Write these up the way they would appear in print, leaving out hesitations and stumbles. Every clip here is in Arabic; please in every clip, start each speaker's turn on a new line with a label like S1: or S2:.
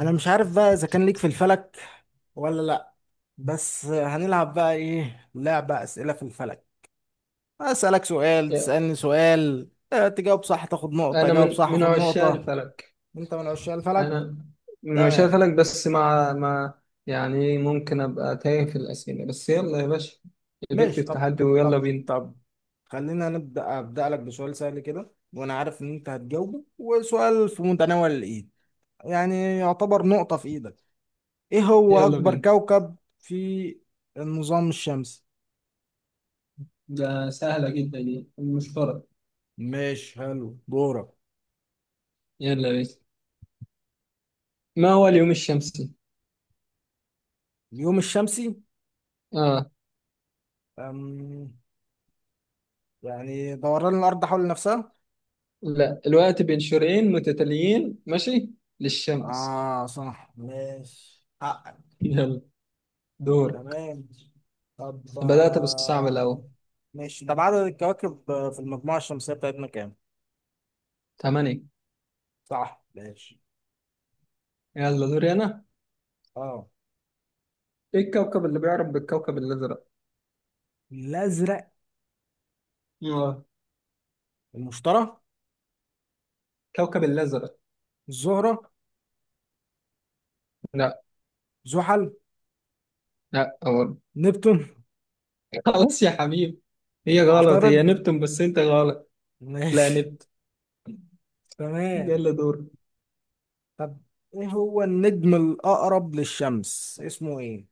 S1: انا مش عارف بقى اذا كان ليك في الفلك ولا لا. بس هنلعب بقى ايه لعبة اسئلة في الفلك. اسألك سؤال، تسألني سؤال، تجاوب صح تاخد نقطة،
S2: انا
S1: جاوب
S2: من
S1: صح
S2: من
S1: اخد
S2: عشاق
S1: نقطة.
S2: الفلك.
S1: انت من عشاق الفلك.
S2: انا من عشاق
S1: تمام،
S2: الفلك، بس مع. يعني ممكن ابقى تايه في الاسئله، بس يلا يا باشا. قبلت
S1: ماشي، طب
S2: التحدي ويلا
S1: طب
S2: بينا.
S1: طب خلينا أبدأ لك بسؤال سهل كده، وانا عارف ان انت هتجاوبه، وسؤال في متناول الايد، يعني يعتبر نقطة في ايدك. ايه هو
S2: يلا
S1: اكبر
S2: بينا.
S1: كوكب في النظام الشمسي؟
S2: ده سهله جدا، يعني مش فرق.
S1: ماشي، حلو، دورك.
S2: يلا بينا. ما هو اليوم الشمسي؟
S1: اليوم الشمسي؟
S2: اه.
S1: أم... يعني دوران الأرض حول نفسها.
S2: لا، الوقت بين شروقين متتاليين ماشي للشمس.
S1: آه صح، ماشي حقك.
S2: يلا، دورك.
S1: تمام، طب،
S2: بدأت بالصعب الاول.
S1: ماشي طب، عدد الكواكب في المجموعة الشمسية بتاعتنا كام؟
S2: 8.
S1: صح، ماشي.
S2: يلا دوري انا.
S1: اه،
S2: ايه الكوكب اللي بيعرف بالكوكب الازرق؟
S1: الأزرق؟
S2: اه،
S1: المشتري.
S2: الكوكب الازرق.
S1: الزهرة.
S2: لا.
S1: زحل.
S2: لا غلط.
S1: نبتون.
S2: خلاص يا حبيبي. هي غلط، هي
S1: عطارد.
S2: نبتون، بس انت غلط. لا،
S1: ماشي.
S2: نبت.
S1: تمام،
S2: يلا دور.
S1: طب، ايه هو النجم الأقرب للشمس؟ اسمه ايه؟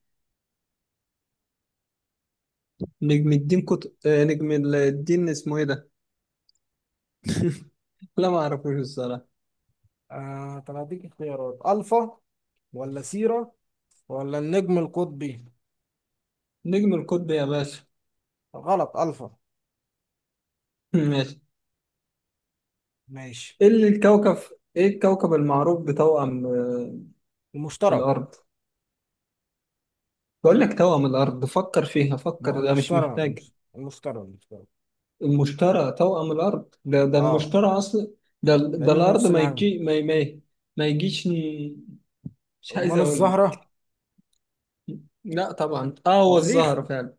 S2: نجم الدين كت... آه، نجم الدين اسمه ايه ده؟ لا، ما اعرفوش الصراحه.
S1: آه، طب هديك اختيارات: الفا، ولا سيرة، ولا النجم القطبي.
S2: نجم القطب يا باشا.
S1: غلط، الفا.
S2: ماشي.
S1: ماشي.
S2: ايه اللي الكوكب ايه الكوكب المعروف بتوأم
S1: المشتري.
S2: الارض؟ بقول لك توأم الارض، فكر فيها،
S1: ما هو
S2: فكر، ده مش
S1: المشتري
S2: محتاج.
S1: المش- المشتري المشتري
S2: المشتري توأم الارض؟ ده
S1: اه،
S2: المشتري اصلا. ده
S1: لانه
S2: الارض،
S1: نفس
S2: ما
S1: الحاجة.
S2: يجي ما. ما يجيش ن- مش عايز
S1: امال
S2: اقول.
S1: الزهرة.
S2: لا طبعا، اه هو
S1: المريخ.
S2: الزهر فعلا.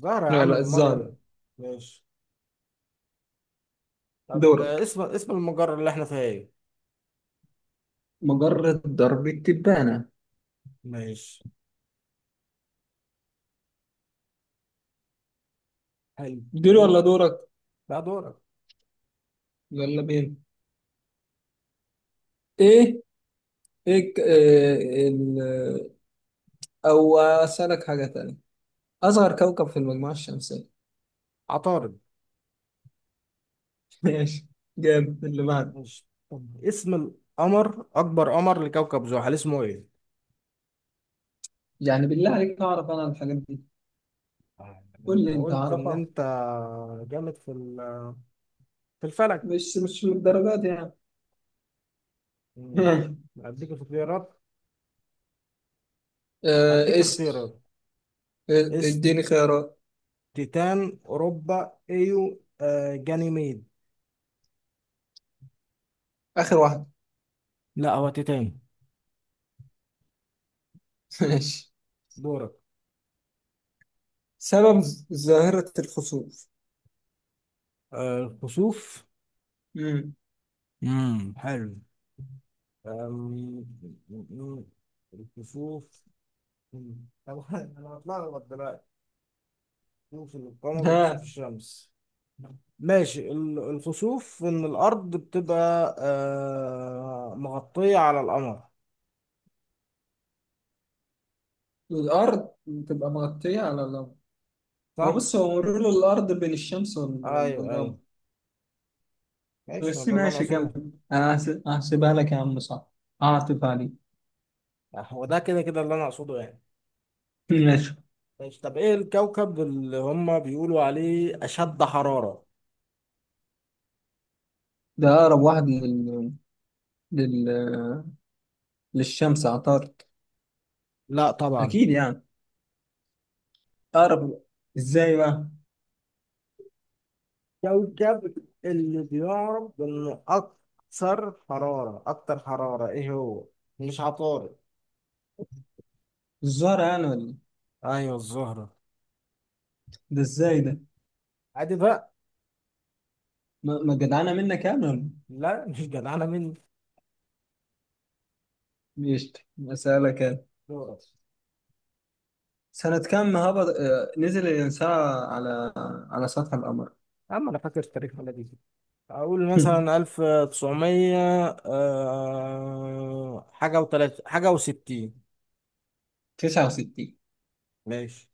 S1: زهرة يا
S2: لا
S1: عم،
S2: لا،
S1: امال
S2: الزهر.
S1: ايه. ماشي طب،
S2: دورك.
S1: اسم المجرة اللي احنا فيها ايه.
S2: مجرد ضرب التبانة.
S1: ماشي، حلو،
S2: دول ولا
S1: دورك.
S2: دورك؟
S1: لا، دورك.
S2: يلا بينا. ايه. إيه او اسألك حاجة تانية. اصغر كوكب في المجموعة الشمسية؟
S1: عطارد.
S2: ماشي. جامد، اللي بعد.
S1: ماشي طب، اسم القمر اكبر قمر لكوكب زحل اسمه ايه؟
S2: يعني بالله عليك، اعرف انا الحاجات دي؟ قول
S1: انت
S2: لي انت
S1: قلت ان
S2: عارفها.
S1: انت جامد في الفلك.
S2: مش من الدرجات يعني.
S1: مم. هديك اختيارات.
S2: آه
S1: هديك
S2: اسأل.
S1: اختيارات.
S2: آه،
S1: اس
S2: اديني خيارات.
S1: تيتان، اوروبا، ايو، جانيميد.
S2: اخر واحدة.
S1: لا، هو تيتان.
S2: ماشي.
S1: دورك.
S2: سبب ظاهرة الخسوف؟
S1: آه، كسوف.
S2: مم.
S1: حلو. آم، م- الكسوف. مم. طب، انا هتلخبط دلوقتي. كسوف القمر وكسوف
S2: ها؟
S1: الشمس. ماشي، الكسوف ان الارض بتبقى مغطية على القمر،
S2: الأرض بتبقى مغطية على القمر. هو
S1: صح؟
S2: بص، هو مرور الأرض بين الشمس
S1: ايوه،
S2: والقمر.
S1: ايوه. ماشي، ما
S2: بس
S1: ده اللي انا
S2: ماشي
S1: اقصده.
S2: كمل، أنا هحسبها لك يا عم، صح. هعطف عليك.
S1: هو ده، كده كده اللي انا اقصده يعني.
S2: ماشي،
S1: ماشي طب، ايه الكوكب اللي هم بيقولوا عليه اشد حرارة؟
S2: ده أقرب واحد لل... للشمس، عطارد.
S1: لا طبعا.
S2: أكيد يعني. أقرب. إزاي بقى؟
S1: كوكب اللي بيعرف انه اكثر حرارة ايه هو؟ مش عطارد.
S2: الزهرة يعني ولا إيه؟
S1: ايوه الزهرة.
S2: ده إزاي ده؟
S1: عادي بقى.
S2: ما جدعانة منك يعني ولا إيه؟
S1: لا، مش جدعانة مني.
S2: ماشي. أسألك أنا.
S1: دورك.
S2: سنة كم هبط آه، نزل الإنسان على سطح القمر؟
S1: يا عم، انا فاكر التاريخ ولا دي؟ اقول مثلا 1900، حاجة وتلات، حاجة وستين.
S2: 69.
S1: ماشي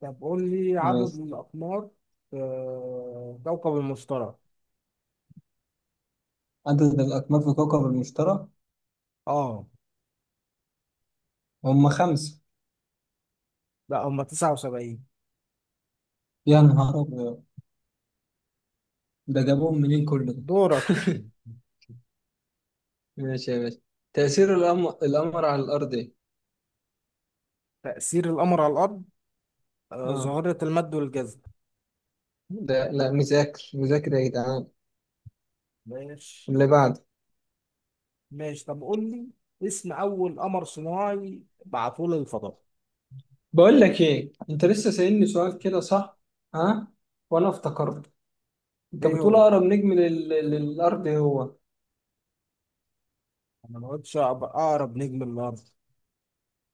S1: طب، قول لي عدد
S2: ماشي،
S1: الأقمار في كوكب المشتري.
S2: عدد الأقمار في كوكب المشتري؟
S1: اه.
S2: هم 5.
S1: لا، هما 79.
S2: يا نهار أبيض! ده جابوهم منين كل ده؟
S1: دورك.
S2: ماشي يا باشا. تأثير القمر على الأرض إيه؟
S1: تأثير القمر على الأرض،
S2: آه.
S1: ظاهرة المد والجذب.
S2: ده لا، مذاكر مذاكر يا جدعان.
S1: ماشي.
S2: اللي بعد.
S1: ماشي طب، قول لي اسم أول قمر صناعي بعثوه للفضاء.
S2: بقول لك إيه، أنت لسه سألني سؤال كده صح؟ ها؟ وأنا افتكرت أنت
S1: إيه
S2: بتقول
S1: هو؟
S2: أقرب نجم للأرض إيه هو.
S1: أنا ما قلتش أقرب نجم للأرض.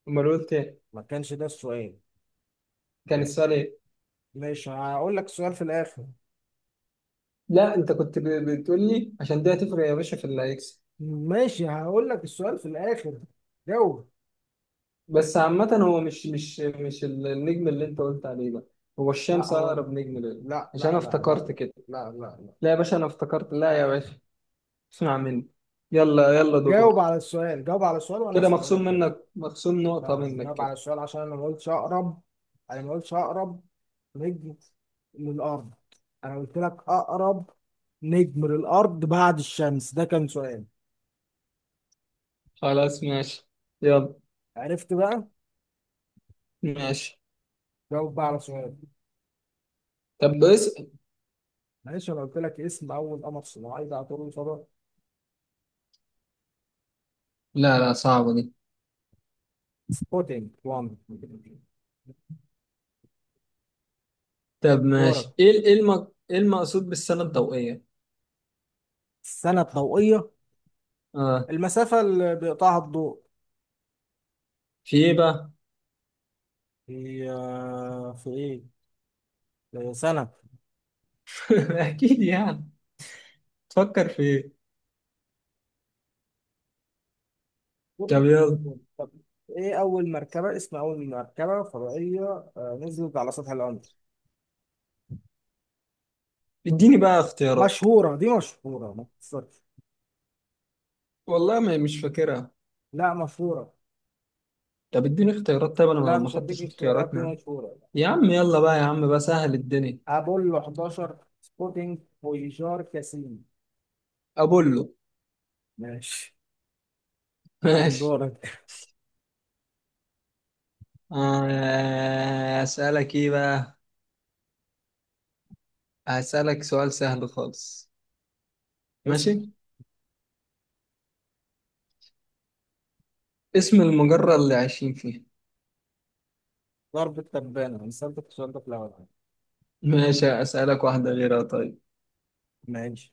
S2: أمال قلت إيه؟
S1: ما كانش ده السؤال.
S2: كان السؤال إيه؟
S1: ماشي، هقول لك السؤال في الآخر.
S2: لا أنت كنت بتقول لي، عشان ده هتفرق يا باشا في اللي هيكسب.
S1: ماشي، هقول لك السؤال في الآخر. جاوب.
S2: بس عامة، هو مش النجم اللي انت قلت عليه ده هو
S1: لا
S2: الشمس
S1: هو.
S2: اقرب نجم ليه.
S1: لا
S2: عشان انا
S1: لا لا لا لا،
S2: افتكرت كده.
S1: لا لا لا.
S2: لا يا باشا، انا افتكرت. لا يا باشا، اسمع مني. يلا يلا
S1: جاوب
S2: دورك.
S1: على السؤال، جاوب على السؤال، وانا
S2: كده
S1: هسأله
S2: مخصوم
S1: لك تاني.
S2: منك، مخصوم نقطة
S1: لا،
S2: منك
S1: جاوب على
S2: كده.
S1: السؤال عشان انا ما قلتش اقرب. انا ما قلتش اقرب نجم للارض. انا قلت لك اقرب نجم للارض بعد الشمس، ده كان سؤال.
S2: خلاص ماشي. يلا.
S1: عرفت بقى؟
S2: ماشي،
S1: جاوب بقى على سؤال.
S2: طب اسأل.
S1: معلش، انا قلت لك اسم اول قمر صناعي ده طول صدى.
S2: لا لا، صعبة دي.
S1: سبوتينج 1.
S2: طب
S1: دورك.
S2: ماشي، ايه ايه المقصود بالسنة الضوئية؟
S1: السنة الضوئية.
S2: اه.
S1: المسافة اللي بيقطعها الضوء
S2: في ايه بقى؟
S1: هي في ايه؟ سنة.
S2: اكيد يعني. تفكر في ايه؟
S1: قرب.
S2: طب يلا.
S1: طب، ايه اول مركبه اسم اول مركبه فضائيه نزلت على سطح القمر؟
S2: اديني بقى اختيارات.
S1: مشهوره دي، مشهوره، ما تخسرش.
S2: والله ما مش فاكرها.
S1: لا، مشهوره.
S2: طب اديني اختيارات، طيب انا ما
S1: لا،
S2: ما
S1: مش هديك
S2: خدتش
S1: اختيارات، دي
S2: اختياراتنا.
S1: مشهوره.
S2: يا عم يلا بقى، يا عم بقى سهل الدنيا.
S1: ابولو 11، سبوتينج، فويجار، كاسين.
S2: ابولو.
S1: ماشي، تمام،
S2: ماشي.
S1: دورك.
S2: اسالك ايه بقى؟ هسالك سؤال سهل خالص.
S1: اسال.
S2: ماشي. اسم المجرة اللي عايشين فيها؟
S1: ضرب التبانه، مثال السؤال ده في الاول.
S2: ماشي اسالك واحدة غيرها طيب.
S1: ماشي.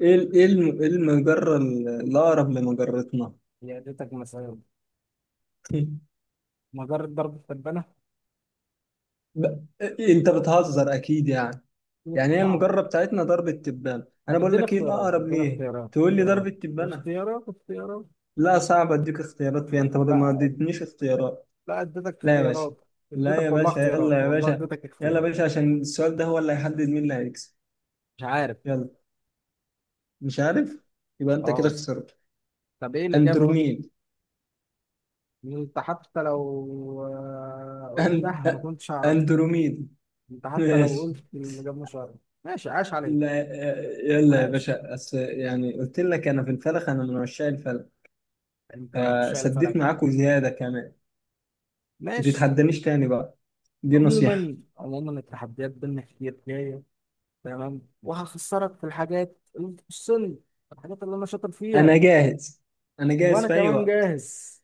S2: إيه المجرة الاقرب لمجرتنا؟
S1: هي اديتك مثال. مجرة ضرب التبانه.
S2: ب- انت بتهزر اكيد يعني. يعني هي المجرة بتاعتنا درب التبانة، انا
S1: طب،
S2: بقول
S1: ادينا
S2: لك ايه
S1: اختيارات،
S2: الاقرب
S1: ادينا
S2: ليه.
S1: اختيارات،
S2: تقول لي درب
S1: اختيارات،
S2: التبانة.
S1: اختيارات، اختيارات.
S2: لا صعب اديك اختيارات فيها، انت ما
S1: لا.
S2: اديتنيش اختيارات.
S1: لا اديتك
S2: لا يا باشا.
S1: اختيارات.
S2: لا
S1: اديتك
S2: يا
S1: والله
S2: باشا،
S1: اختيارات،
S2: يلا يا
S1: والله
S2: باشا.
S1: اديتك
S2: يلا يا
S1: اختيارات.
S2: باشا، عشان السؤال ده هو اللي هيحدد مين اللي هيكسب.
S1: مش عارف.
S2: يلا. مش عارف. يبقى انت كده
S1: اه.
S2: خسرت.
S1: طب ايه الاجابه بقى؟
S2: اندروميد.
S1: انت حتى لو
S2: أن...
S1: قلتها ما
S2: أ-
S1: كنتش اعرف.
S2: اندروميد.
S1: انت حتى لو
S2: ماشي.
S1: قلت الاجابه مش عارف. ماشي، عاش عليك.
S2: لا. يلا يا
S1: عاش.
S2: باشا، يعني قلت لك انا في الفلك، انا من عشاق الفلك.
S1: انت من عشاق
S2: فسديت
S1: الفلك.
S2: معاكم زيادة كمان. ما
S1: ماشي.
S2: تتحدانيش تاني بقى. دي نصيحة.
S1: عموما، التحديات بينا كتير جايه. تمام، وهخسرك في الحاجات اللي بتخصني، الحاجات اللي انا شاطر
S2: انا
S1: فيها.
S2: جاهز. انا جاهز
S1: وانا
S2: في اي
S1: كمان
S2: وقت.
S1: جاهز.